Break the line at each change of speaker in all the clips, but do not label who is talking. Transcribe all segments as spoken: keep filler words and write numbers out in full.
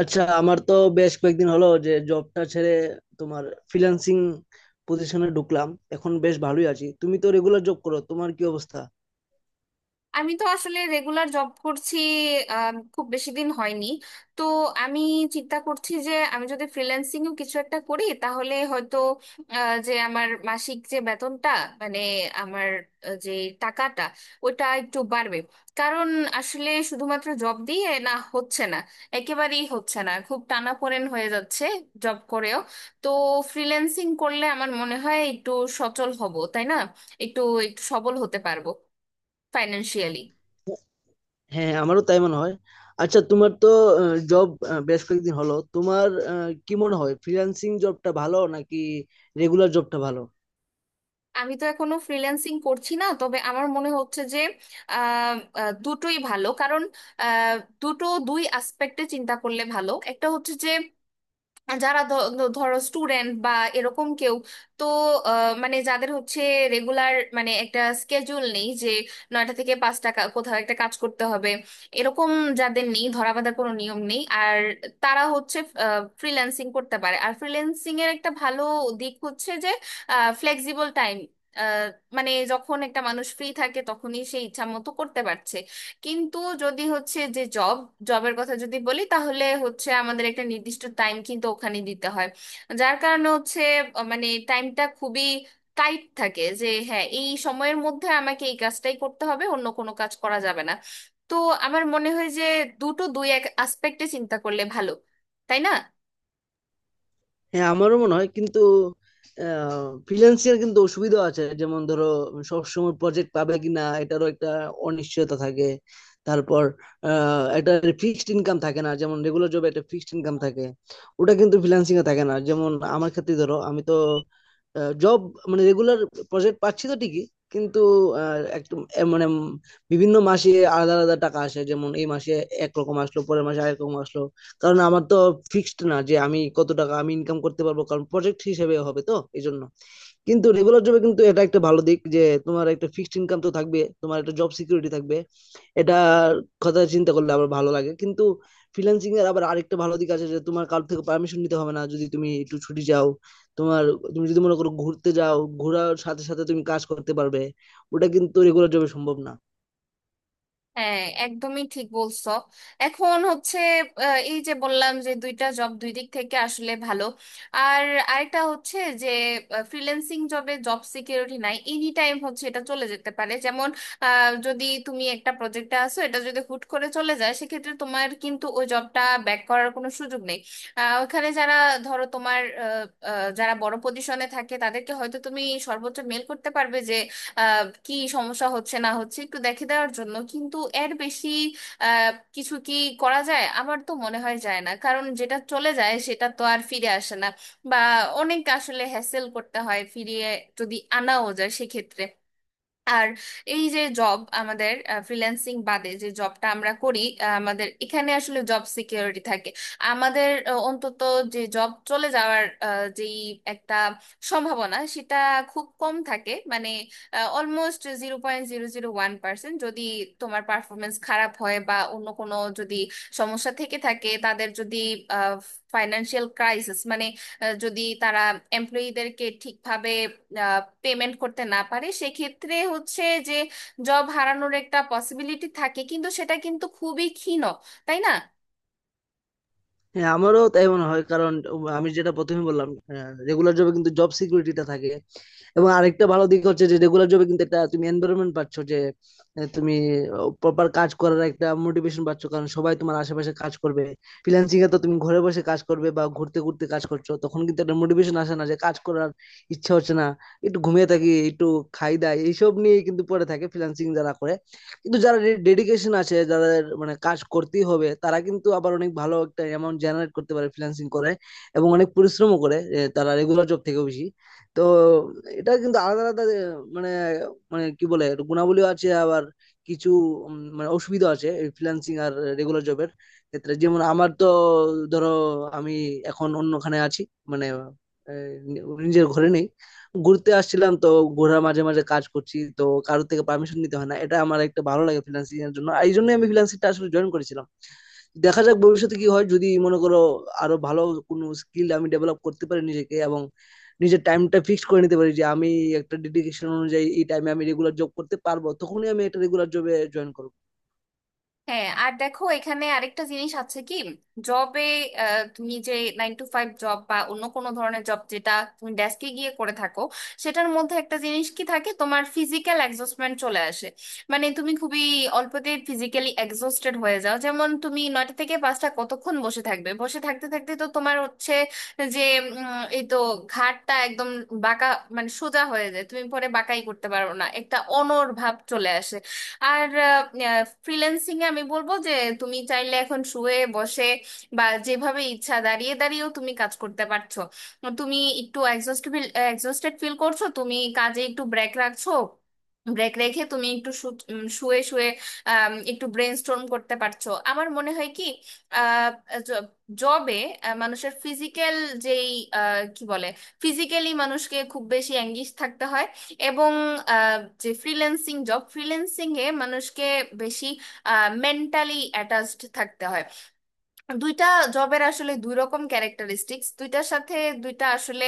আচ্ছা, আমার তো বেশ কয়েকদিন হলো যে জবটা ছেড়ে তোমার ফ্রিল্যান্সিং পজিশনে ঢুকলাম। এখন বেশ ভালোই আছি। তুমি তো রেগুলার জব করো, তোমার কি অবস্থা?
আমি তো আসলে রেগুলার জব করছি, আম, খুব বেশি দিন হয়নি। তো আমি চিন্তা করছি যে আমি যদি ফ্রিল্যান্সিং ও কিছু একটা করি তাহলে হয়তো আহ, যে আমার মাসিক যে বেতনটা মানে আমার আহ, যে টাকাটা ওটা একটু বাড়বে। কারণ আসলে শুধুমাত্র জব দিয়ে না, হচ্ছে না, একেবারেই হচ্ছে না, খুব টানাপোড়েন হয়ে যাচ্ছে জব করেও। তো ফ্রিল্যান্সিং করলে আমার মনে হয় একটু সচল হব, তাই না? একটু একটু সবল হতে পারবো ফাইন্যান্সিয়ালি।
হ্যাঁ, আমারও তাই মনে হয়। আচ্ছা, তোমার তো জব বেশ কয়েকদিন হলো, তোমার আহ, কি মনে হয়, ফ্রিল্যান্সিং জবটা ভালো নাকি রেগুলার জবটা ভালো?
আমি তো এখনো ফ্রিল্যান্সিং করছি না, তবে আমার মনে হচ্ছে যে আহ, আহ, দুটোই ভালো। কারণ আহ, দুটো দুই আসপেক্টে চিন্তা করলে ভালো। একটা হচ্ছে যে যারা ধ- ধ- ধরো স্টুডেন্ট বা এরকম কেউ, তো আহ, মানে যাদের হচ্ছে রেগুলার মানে একটা স্কেজুল নেই, যে নয়টা থেকে পাঁচটা কা- কোথাও একটা কাজ করতে হবে এরকম, যাদের নেই, ধরা বাঁধার কোনো নিয়ম নেই, আর তারা হচ্ছে ফ্রিল্যান্সিং করতে পারে। আর ফ্রিল্যান্সিং এর একটা ভালো দিক হচ্ছে যে ফ্লেক্সিবল টাইম, মানে যখন একটা মানুষ ফ্রি থাকে তখনই সে ইচ্ছা মতো করতে পারছে। কিন্তু যদি হচ্ছে যে জব জবের কথা যদি বলি, তাহলে হচ্ছে আমাদের একটা নির্দিষ্ট টাইম কিন্তু ওখানে দিতে হয়। যার কারণে হচ্ছে আহ, মানে টাইমটা খুবই টাইট থাকে, যে হ্যাঁ এই সময়ের মধ্যে আমাকে এই কাজটাই করতে হবে, অন্য কোনো কাজ করা যাবে না। তো আমার মনে হয় যে দুটো দুই এক আসপেক্টে চিন্তা করলে ভালো, তাই না?
হ্যাঁ, আমারও মনে হয়, কিন্তু ফ্রিল্যান্সিং কিন্তু সুবিধা আছে। যেমন ধরো, সবসময় প্রজেক্ট পাবে কিনা এটারও একটা অনিশ্চয়তা থাকে। তারপর আহ, একটা ফিক্সড ইনকাম থাকে না, যেমন রেগুলার জবে একটা ফিক্সড ইনকাম থাকে, ওটা কিন্তু ফ্রিল্যান্সিং এ থাকে না। যেমন আমার ক্ষেত্রে, ধরো আমি তো আ জব মানে রেগুলার প্রজেক্ট পাচ্ছি তো ঠিকই, কিন্তু আহ, একটু এ মানে উম বিভিন্ন মাসে আলাদা আলাদা টাকা আসে। যেমন এই মাসে একরকম আসলো, পরের মাসে আরেক রকম আসলো। কারণ আমার তো ফিক্সড না যে আমি কত টাকা আমি ইনকাম করতে পারবো, কারণ প্রজেক্ট হিসেবে হবে তো, এই জন্য। কিন্তু রেগুলার জবে কিন্তু এটা একটা ভালো দিক যে তোমার একটা ফিক্সড ইনকাম তো থাকবে, তোমার একটা জব সিকিউরিটি থাকবে। এটা কথা চিন্তা করলে আমার ভালো লাগে। কিন্তু ফ্রিল্যান্সিং এর আবার আরেকটা ভালো দিক আছে যে তোমার কারোর থেকে পারমিশন নিতে হবে না, যদি তুমি একটু ছুটি চাও তোমার, তুমি যদি মনে করো ঘুরতে যাও, ঘোরার সাথে সাথে তুমি কাজ করতে পারবে। ওটা কিন্তু রেগুলার জবে সম্ভব না।
হ্যাঁ, একদমই ঠিক বলছো। এখন হচ্ছে আহ, এই যে বললাম যে দুইটা জব দুই দিক থেকে আসলে ভালো। আর আরেকটা হচ্ছে যে ফ্রিল্যান্সিং জবে জব সিকিউরিটি নাই, এনি টাইম হচ্ছে এটা চলে যেতে পারে, যেমন আহ, যদি তুমি একটা প্রজেক্টে আসো, এটা যদি হুট করে চলে যায় সেক্ষেত্রে তোমার কিন্তু ওই জবটা ব্যাক করার কোনো সুযোগ নেই। আহ, ওখানে যারা, ধরো তোমার আহ, আহ, যারা বড় পজিশনে থাকে তাদেরকে হয়তো তুমি সর্বোচ্চ মেল করতে পারবে, যে আহ, কি সমস্যা হচ্ছে না হচ্ছে একটু দেখে দেওয়ার জন্য, কিন্তু এর বেশি আহ, কিছু কি করা যায়? আমার তো মনে হয় যায় না, কারণ যেটা চলে যায় সেটা তো আর ফিরে আসে না, বা অনেক আসলে হ্যাসেল করতে হয় ফিরিয়ে যদি আনাও যায় সেক্ষেত্রে। আর এই যে জব, আমাদের ফ্রিল্যান্সিং বাদে যে জবটা আমরা করি, আহ, আমাদের এখানে আসলে জব সিকিউরিটি থাকে। আমাদের আহ, অন্তত যে জব চলে যাওয়ার আহ, যেই একটা সম্ভাবনা সেটা খুব কম থাকে, মানে almost zero point zero zero one percent. যদি তোমার পারফরমেন্স খারাপ হয় বা অন্য কোনো যদি সমস্যা থেকে থাকে, তাদের যদি ফাইনান্সিয়াল ক্রাইসিস মানে আহ, যদি তারা এমপ্লয়ীদেরকে ঠিকভাবে পেমেন্ট করতে না পারে সেক্ষেত্রে হচ্ছে যে জব হারানোর একটা পসিবিলিটি থাকে, কিন্তু সেটা কিন্তু খুবই ক্ষীণ, তাই না?
হ্যাঁ, আমারও তাই মনে হয়, কারণ আমি যেটা প্রথমে বললাম, রেগুলার জবে কিন্তু জব সিকিউরিটিটা থাকে। এবং আরেকটা ভালো দিক হচ্ছে যে রেগুলার জবে কিন্তু একটা তুমি এনভায়রনমেন্ট পাচ্ছ, যে আহ, তুমি প্রপার কাজ করার একটা মোটিভেশন পাচ্ছ, কারণ সবাই তোমার আশেপাশে কাজ করবে। ফ্রিল্যান্সিং এ তো তুমি ঘরে বসে কাজ করবে বা ঘুরতে ঘুরতে কাজ করছো, তখন কিন্তু একটা মোটিভেশন আসে না যে কাজ করার ইচ্ছা হচ্ছে না। একটু ঘুমিয়ে থাকি, একটু খাই দাই, এইসব নিয়ে কিন্তু পড়ে থাকে ফ্রিল্যান্সিং যারা করে। কিন্তু যারা ডেডিকেশন আছে যাদের, মানে কাজ করতেই হবে, তারা কিন্তু আবার অনেক ভালো একটা অ্যামাউন্ট জেনারেট করতে পারে ফ্রিল্যান্সিং করে, এবং অনেক পরিশ্রমও করে, এ, তারা রেগুলার জব থেকেও বেশি। তো এটা কিন্তু আলাদা আলাদা, এ, মানে, মানে কি বলে, এটা গুণাবলীও আছে, আবার কিছু উম, মানে অসুবিধা আছে ফ্রিল্যান্সিং আর রেগুলার জবের ক্ষেত্রে। যেমন আমার তো, ধরো আমি এখন অন্যখানে আছি, মানে এ, নিজের ঘরে নেই। ঘুরতে আসছিলাম তো, ঘোরার মাঝে মাঝে কাজ করছি তো, কারোর থেকে পারমিশন নিতে হয় না। এটা আমার একটা ভালো লাগে ফ্রিল্যান্সিং এর জন্য, আর এই জন্যই আমি ফ্রিল্যান্সিংটা আসলে জয়েন করেছিলাম। দেখা যাক ভবিষ্যতে কি হয়, যদি মনে করো আরো ভালো কোনো স্কিল আমি ডেভেলপ করতে পারি নিজেকে, এবং নিজের টাইমটা ফিক্স করে নিতে পারি যে আমি একটা ডেডিকেশন অনুযায়ী এই টাইমে আমি রেগুলার জব করতে পারবো, তখনই আমি একটা রেগুলার জবে জয়েন করবো।
হ্যাঁ, আর দেখো এখানে আরেকটা জিনিস আছে, কি জবে তুমি যে নাইন টু ফাইভ জব বা অন্য কোনো ধরনের জব যেটা তুমি ডেস্কে গিয়ে করে থাকো, সেটার মধ্যে একটা জিনিস কি থাকে, তোমার ফিজিক্যাল এক্সস্টমেন্ট চলে আসে। মানে তুমি খুবই অল্পতে ফিজিক্যালি এক্সস্টেড হয়ে যাও, যেমন তুমি নয়টা থেকে পাঁচটা কতক্ষণ বসে থাকবে, বসে থাকতে থাকতে তো তোমার হচ্ছে যে উম, এই তো ঘাড়টা একদম বাঁকা মানে সোজা হয়ে যায়, তুমি পরে বাঁকাই করতে পারো না, একটা অনড় ভাব চলে আসে। আর ফ্রিল্যান্সিং এ আমি বলবো যে তুমি চাইলে এখন শুয়ে বসে বা যেভাবে ইচ্ছা দাঁড়িয়ে দাঁড়িয়েও তুমি কাজ করতে পারছো। তুমি একটু এক্সস্ট ফিল এক্সস্টেড ফিল করছো, তুমি কাজে একটু ব্রেক রাখছো, ব্রেক রেখে তুমি একটু শু- উম, শুয়ে শুয়ে আম, একটু ব্রেনস্টর্ম করতে পারছো। আমার মনে হয় কি, জবে মানুষের ফিজিক্যাল যেই আহ, কি বলে, ফিজিক্যালি মানুষকে খুব বেশি অ্যাঙ্গিশ থাকতে হয়। এবং আহ, যে ফ্রিল্যান্সিং জব ফ্রিল্যান্সিং এ মানুষকে বেশি মেন্টালি অ্যাটাচড থাকতে হয়। দুইটা জবের আসলে দুই রকম ক্যারেক্টারিস্টিক্স, দুইটার সাথে দুইটা আসলে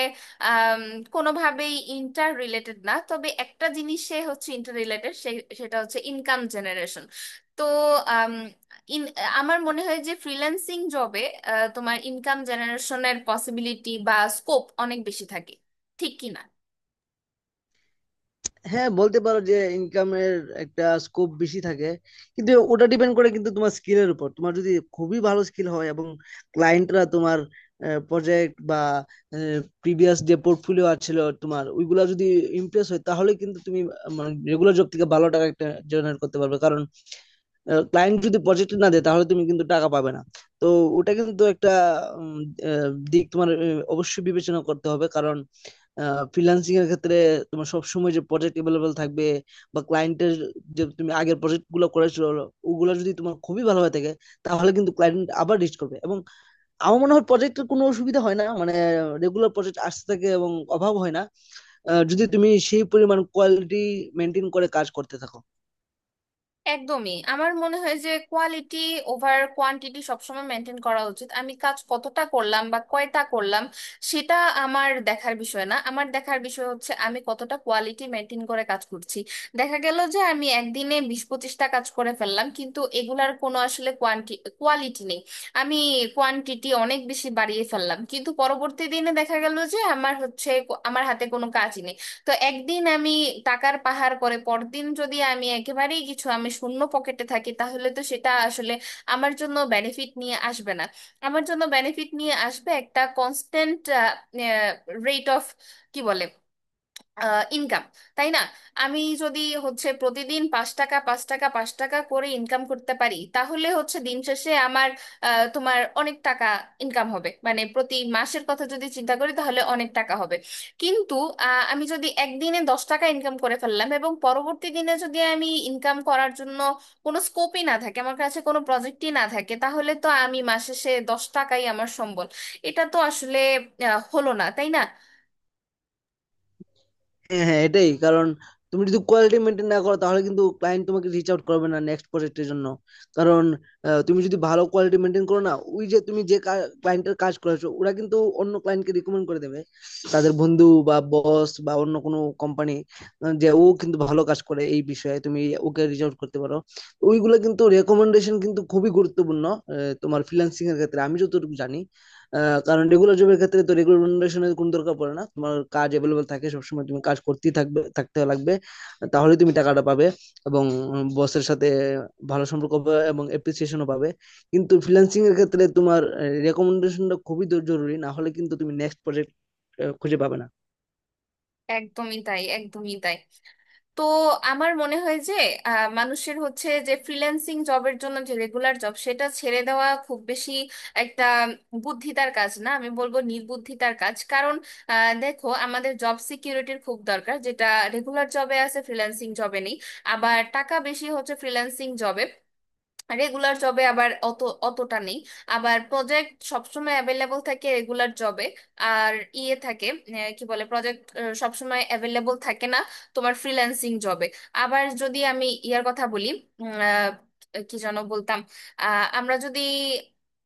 আম, কোনোভাবেই ইন্টার রিলেটেড না, তবে একটা জিনিসে হচ্ছে ইন্টার রিলেটেড, সেটা হচ্ছে ইনকাম জেনারেশন। তো আম, ইন আমার মনে হয় যে ফ্রিল্যান্সিং জবে তোমার ইনকাম জেনারেশনের পসিবিলিটি বা স্কোপ অনেক বেশি থাকে, ঠিক কি না?
হ্যাঁ, বলতে পারো যে ইনকামের একটা স্কোপ বেশি থাকে, কিন্তু ওটা ডিপেন্ড করে কিন্তু তোমার স্কিলের উপর। তোমার যদি খুবই ভালো স্কিল হয় এবং ক্লায়েন্টরা তোমার প্রজেক্ট বা প্রিভিয়াস যে পোর্টফোলিও আছিল তোমার ওইগুলা যদি ইমপ্রেস হয়, তাহলে কিন্তু তুমি আহ, মানে রেগুলার জব থেকে ভালো টাকা একটা জেনারেট করতে পারবে, কারণ ক্লায়েন্ট যদি প্রজেক্ট না দেয় তাহলে তুমি কিন্তু টাকা পাবে না। তো ওটা কিন্তু একটা উম, আহ, দিক তোমার আহ, অবশ্যই বিবেচনা করতে হবে, কারণ ফ্রিল্যান্সিং এর ক্ষেত্রে তোমার সবসময় যে প্রজেক্ট এভেলেবেল থাকবে বা ক্লায়েন্টের, যে তুমি আগের প্রজেক্ট গুলো করেছো ওগুলো যদি তোমার খুবই ভালো হয়ে থাকে, তাহলে কিন্তু ক্লায়েন্ট আবার রিচ করবে। এবং আমার মনে হয় প্রজেক্টের কোনো অসুবিধা হয় না, মানে রেগুলার প্রজেক্ট আসতে থাকে এবং অভাব হয় না, আহ, যদি তুমি সেই পরিমাণ কোয়ালিটি মেনটেন করে কাজ করতে থাকো।
একদমই। আমার মনে হয় যে কোয়ালিটি ওভার কোয়ান্টিটি সবসময় মেনটেন করা উচিত। আমি কাজ কতটা করলাম বা কয়টা করলাম সেটা আমার দেখার বিষয় না, আমার দেখার বিষয় হচ্ছে আমি কতটা কোয়ালিটি মেনটেন করে কাজ করছি। দেখা গেল যে আমি একদিনে বিশ পঁচিশটা কাজ করে ফেললাম কিন্তু এগুলার কোনো আসলে কোয়ান্টি কোয়ালিটি নেই। আমি কোয়ান্টিটি অনেক বেশি বাড়িয়ে ফেললাম, কিন্তু পরবর্তী দিনে দেখা গেল যে আমার হচ্ছে আমার হাতে কোনো কাজ নেই। তো একদিন আমি টাকার পাহাড় করে পরদিন যদি আমি একেবারেই কিছু, আমি শূন্য পকেটে থাকি, তাহলে তো সেটা আসলে আমার জন্য বেনিফিট নিয়ে আসবে না। আমার জন্য বেনিফিট নিয়ে আসবে একটা কনস্ট্যান্ট রেট অফ, কি বলে, ইনকাম, তাই না? আমি যদি হচ্ছে প্রতিদিন পাঁচ টাকা পাঁচ টাকা পাঁচ টাকা করে ইনকাম করতে পারি, তাহলে হচ্ছে দিন শেষে আমার আহ, তোমার অনেক টাকা ইনকাম হবে, মানে প্রতি মাসের কথা যদি চিন্তা করি তাহলে অনেক টাকা হবে। কিন্তু আহ, আমি যদি একদিনে দশ টাকা ইনকাম করে ফেললাম, এবং পরবর্তী দিনে যদি আমি ইনকাম করার জন্য কোনো স্কোপই না থাকে, আমার কাছে কোনো প্রজেক্টই না থাকে, তাহলে তো আমি মাস শেষে দশ টাকাই আমার সম্বল। এটা তো আসলে আহ, হলো না, তাই না?
হ্যাঁ, হ্যাঁ, এটাই কারণ তুমি যদি কোয়ালিটি মেনটেন না করো তাহলে কিন্তু ক্লায়েন্ট তোমাকে রিচ আউট করবে না নেক্সট প্রজেক্টের জন্য। কারণ আহ, তুমি যদি ভালো কোয়ালিটি মেনটেন করো না, ওই যে তুমি যে ক্লায়েন্টের কাজ করেছো ওরা কিন্তু অন্য ক্লায়েন্টকে রিকমেন্ড করে দেবে তাদের বন্ধু বা বস বা অন্য কোনো কোম্পানি, যে ও কিন্তু ভালো কাজ করে, এই বিষয়ে তুমি ওকে রিচ আউট করতে পারো। ওইগুলো কিন্তু রেকমেন্ডেশন কিন্তু খুবই গুরুত্বপূর্ণ আহ, তোমার ফ্রিল্যান্সিং এর ক্ষেত্রে, আমি যতটুকু জানি। আহ, কারণ রেগুলার জবের ক্ষেত্রে তো রেগুলার কোনো দরকার পড়ে না, তোমার কাজ অ্যাভেলেবল থাকে সবসময়, তুমি কাজ করতেই থাকবে, থাকতে লাগবে, তাহলে তুমি টাকাটা পাবে এবং বসের সাথে ভালো সম্পর্ক হবে এবং অ্যাপ্রিসিয়েশনও পাবে। কিন্তু ফ্রিল্যান্সিং এর ক্ষেত্রে তোমার রেকমেন্ডেশনটা খুবই দ- জরুরি, না হলে কিন্তু তুমি নেক্সট প্রজেক্ট খুঁজে পাবে না।
একদমই তাই, একদমই তাই। তো আমার মনে হয় যে আহ, মানুষের হচ্ছে যে ফ্রিল্যান্সিং জবের জন্য যে রেগুলার জব সেটা ছেড়ে দেওয়া খুব বেশি একটা বুদ্ধিতার কাজ না, আমি বলবো নির্বুদ্ধিতার কাজ। কারণ আহ, দেখো, আমাদের জব সিকিউরিটির খুব দরকার, যেটা রেগুলার জবে আছে ফ্রিল্যান্সিং জবে নেই। আবার টাকা বেশি হচ্ছে ফ্রিল্যান্সিং জবে, রেগুলার জবে আবার অত অতটা নেই। আবার প্রজেক্ট সবসময় অ্যাভেলেবল থাকে রেগুলার জবে, আর ইয়ে থাকে, আহ, কি বলে, প্রজেক্ট সবসময় অ্যাভেলেবল থাকে না তোমার ফ্রিল্যান্সিং জবে। আবার যদি আমি ইয়ার কথা বলি, উম, আহ, কি যেন বলতাম, আহ, আমরা যদি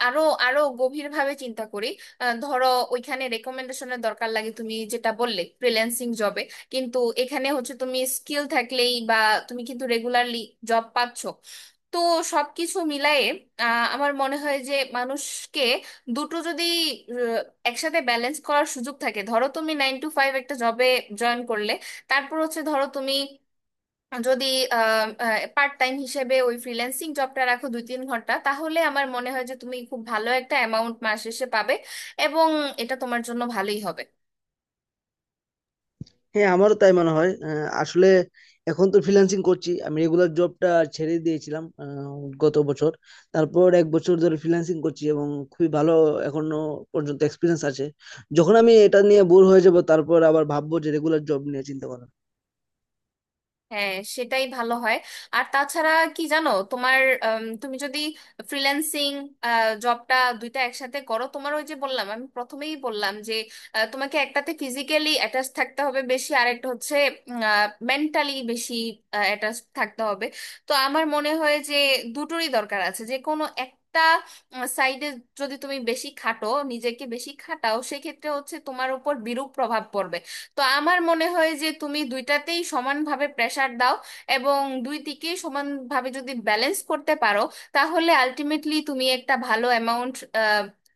আরো আরো গভীরভাবে চিন্তা করি, আহ, ধরো ওইখানে রেকমেন্ডেশনের দরকার লাগে, তুমি যেটা বললে ফ্রিল্যান্সিং জবে, কিন্তু এখানে হচ্ছে তুমি স্কিল থাকলেই বা তুমি কিন্তু রেগুলারলি জব পাচ্ছ। তো সবকিছু মিলায়ে আহ, আমার মনে হয় যে মানুষকে দুটো যদি আহ, একসাথে ব্যালেন্স করার সুযোগ থাকে, ধরো তুমি নাইন টু ফাইভ একটা জবে জয়েন করলে, তারপর হচ্ছে ধরো তুমি যদি পার্ট টাইম হিসেবে ওই ফ্রিল্যান্সিং জবটা রাখো দুই তিন ঘন্টা, তাহলে আমার মনে হয় যে তুমি খুব ভালো একটা অ্যামাউন্ট মাস শেষে পাবে, এবং এটা তোমার জন্য ভালোই হবে।
হ্যাঁ, আমারও তাই মনে হয়। আহ, আসলে এখন তো ফ্রিল্যান্সিং করছি, আমি রেগুলার জবটা ছেড়ে দিয়েছিলাম আহ, গত বছর। তারপর এক বছর ধরে ফ্রিল্যান্সিং করছি, এবং খুবই ভালো এখনো পর্যন্ত এক্সপিরিয়েন্স আছে। যখন আমি এটা নিয়ে বোর হয়ে যাব তারপর আবার ভাববো যে রেগুলার জব নিয়ে চিন্তা করব।
হ্যাঁ সেটাই ভালো হয়। আর তাছাড়া কি জানো তোমার, আম, তুমি যদি ফ্রিল্যান্সিং জবটা দুইটা একসাথে করো, তোমার ওই যে বললাম, আমি প্রথমেই বললাম যে আহ, তোমাকে একটাতে ফিজিক্যালি অ্যাটাচ থাকতে হবে বেশি, আর একটা হচ্ছে মেন্টালি বেশি অ্যাটাচ থাকতে হবে। তো আমার মনে হয় যে দুটোরই দরকার আছে। যে কোনো একটা সাইডে যদি তুমি বেশি খাটো, নিজেকে বেশি খাটাও, সেক্ষেত্রে হচ্ছে তোমার উপর বিরূপ প্রভাব পড়বে। তো আমার মনে হয় যে তুমি দুইটাতেই সমানভাবে প্রেসার দাও, এবং দুই দিকেই সমানভাবে যদি ব্যালেন্স করতে পারো, তাহলে আলটিমেটলি তুমি একটা ভালো অ্যামাউন্ট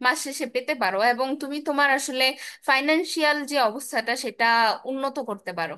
মাস শেষে পেতে পারো, এবং তুমি তোমার আসলে ফাইনান্সিয়াল যে অবস্থাটা সেটা উন্নত করতে পারো।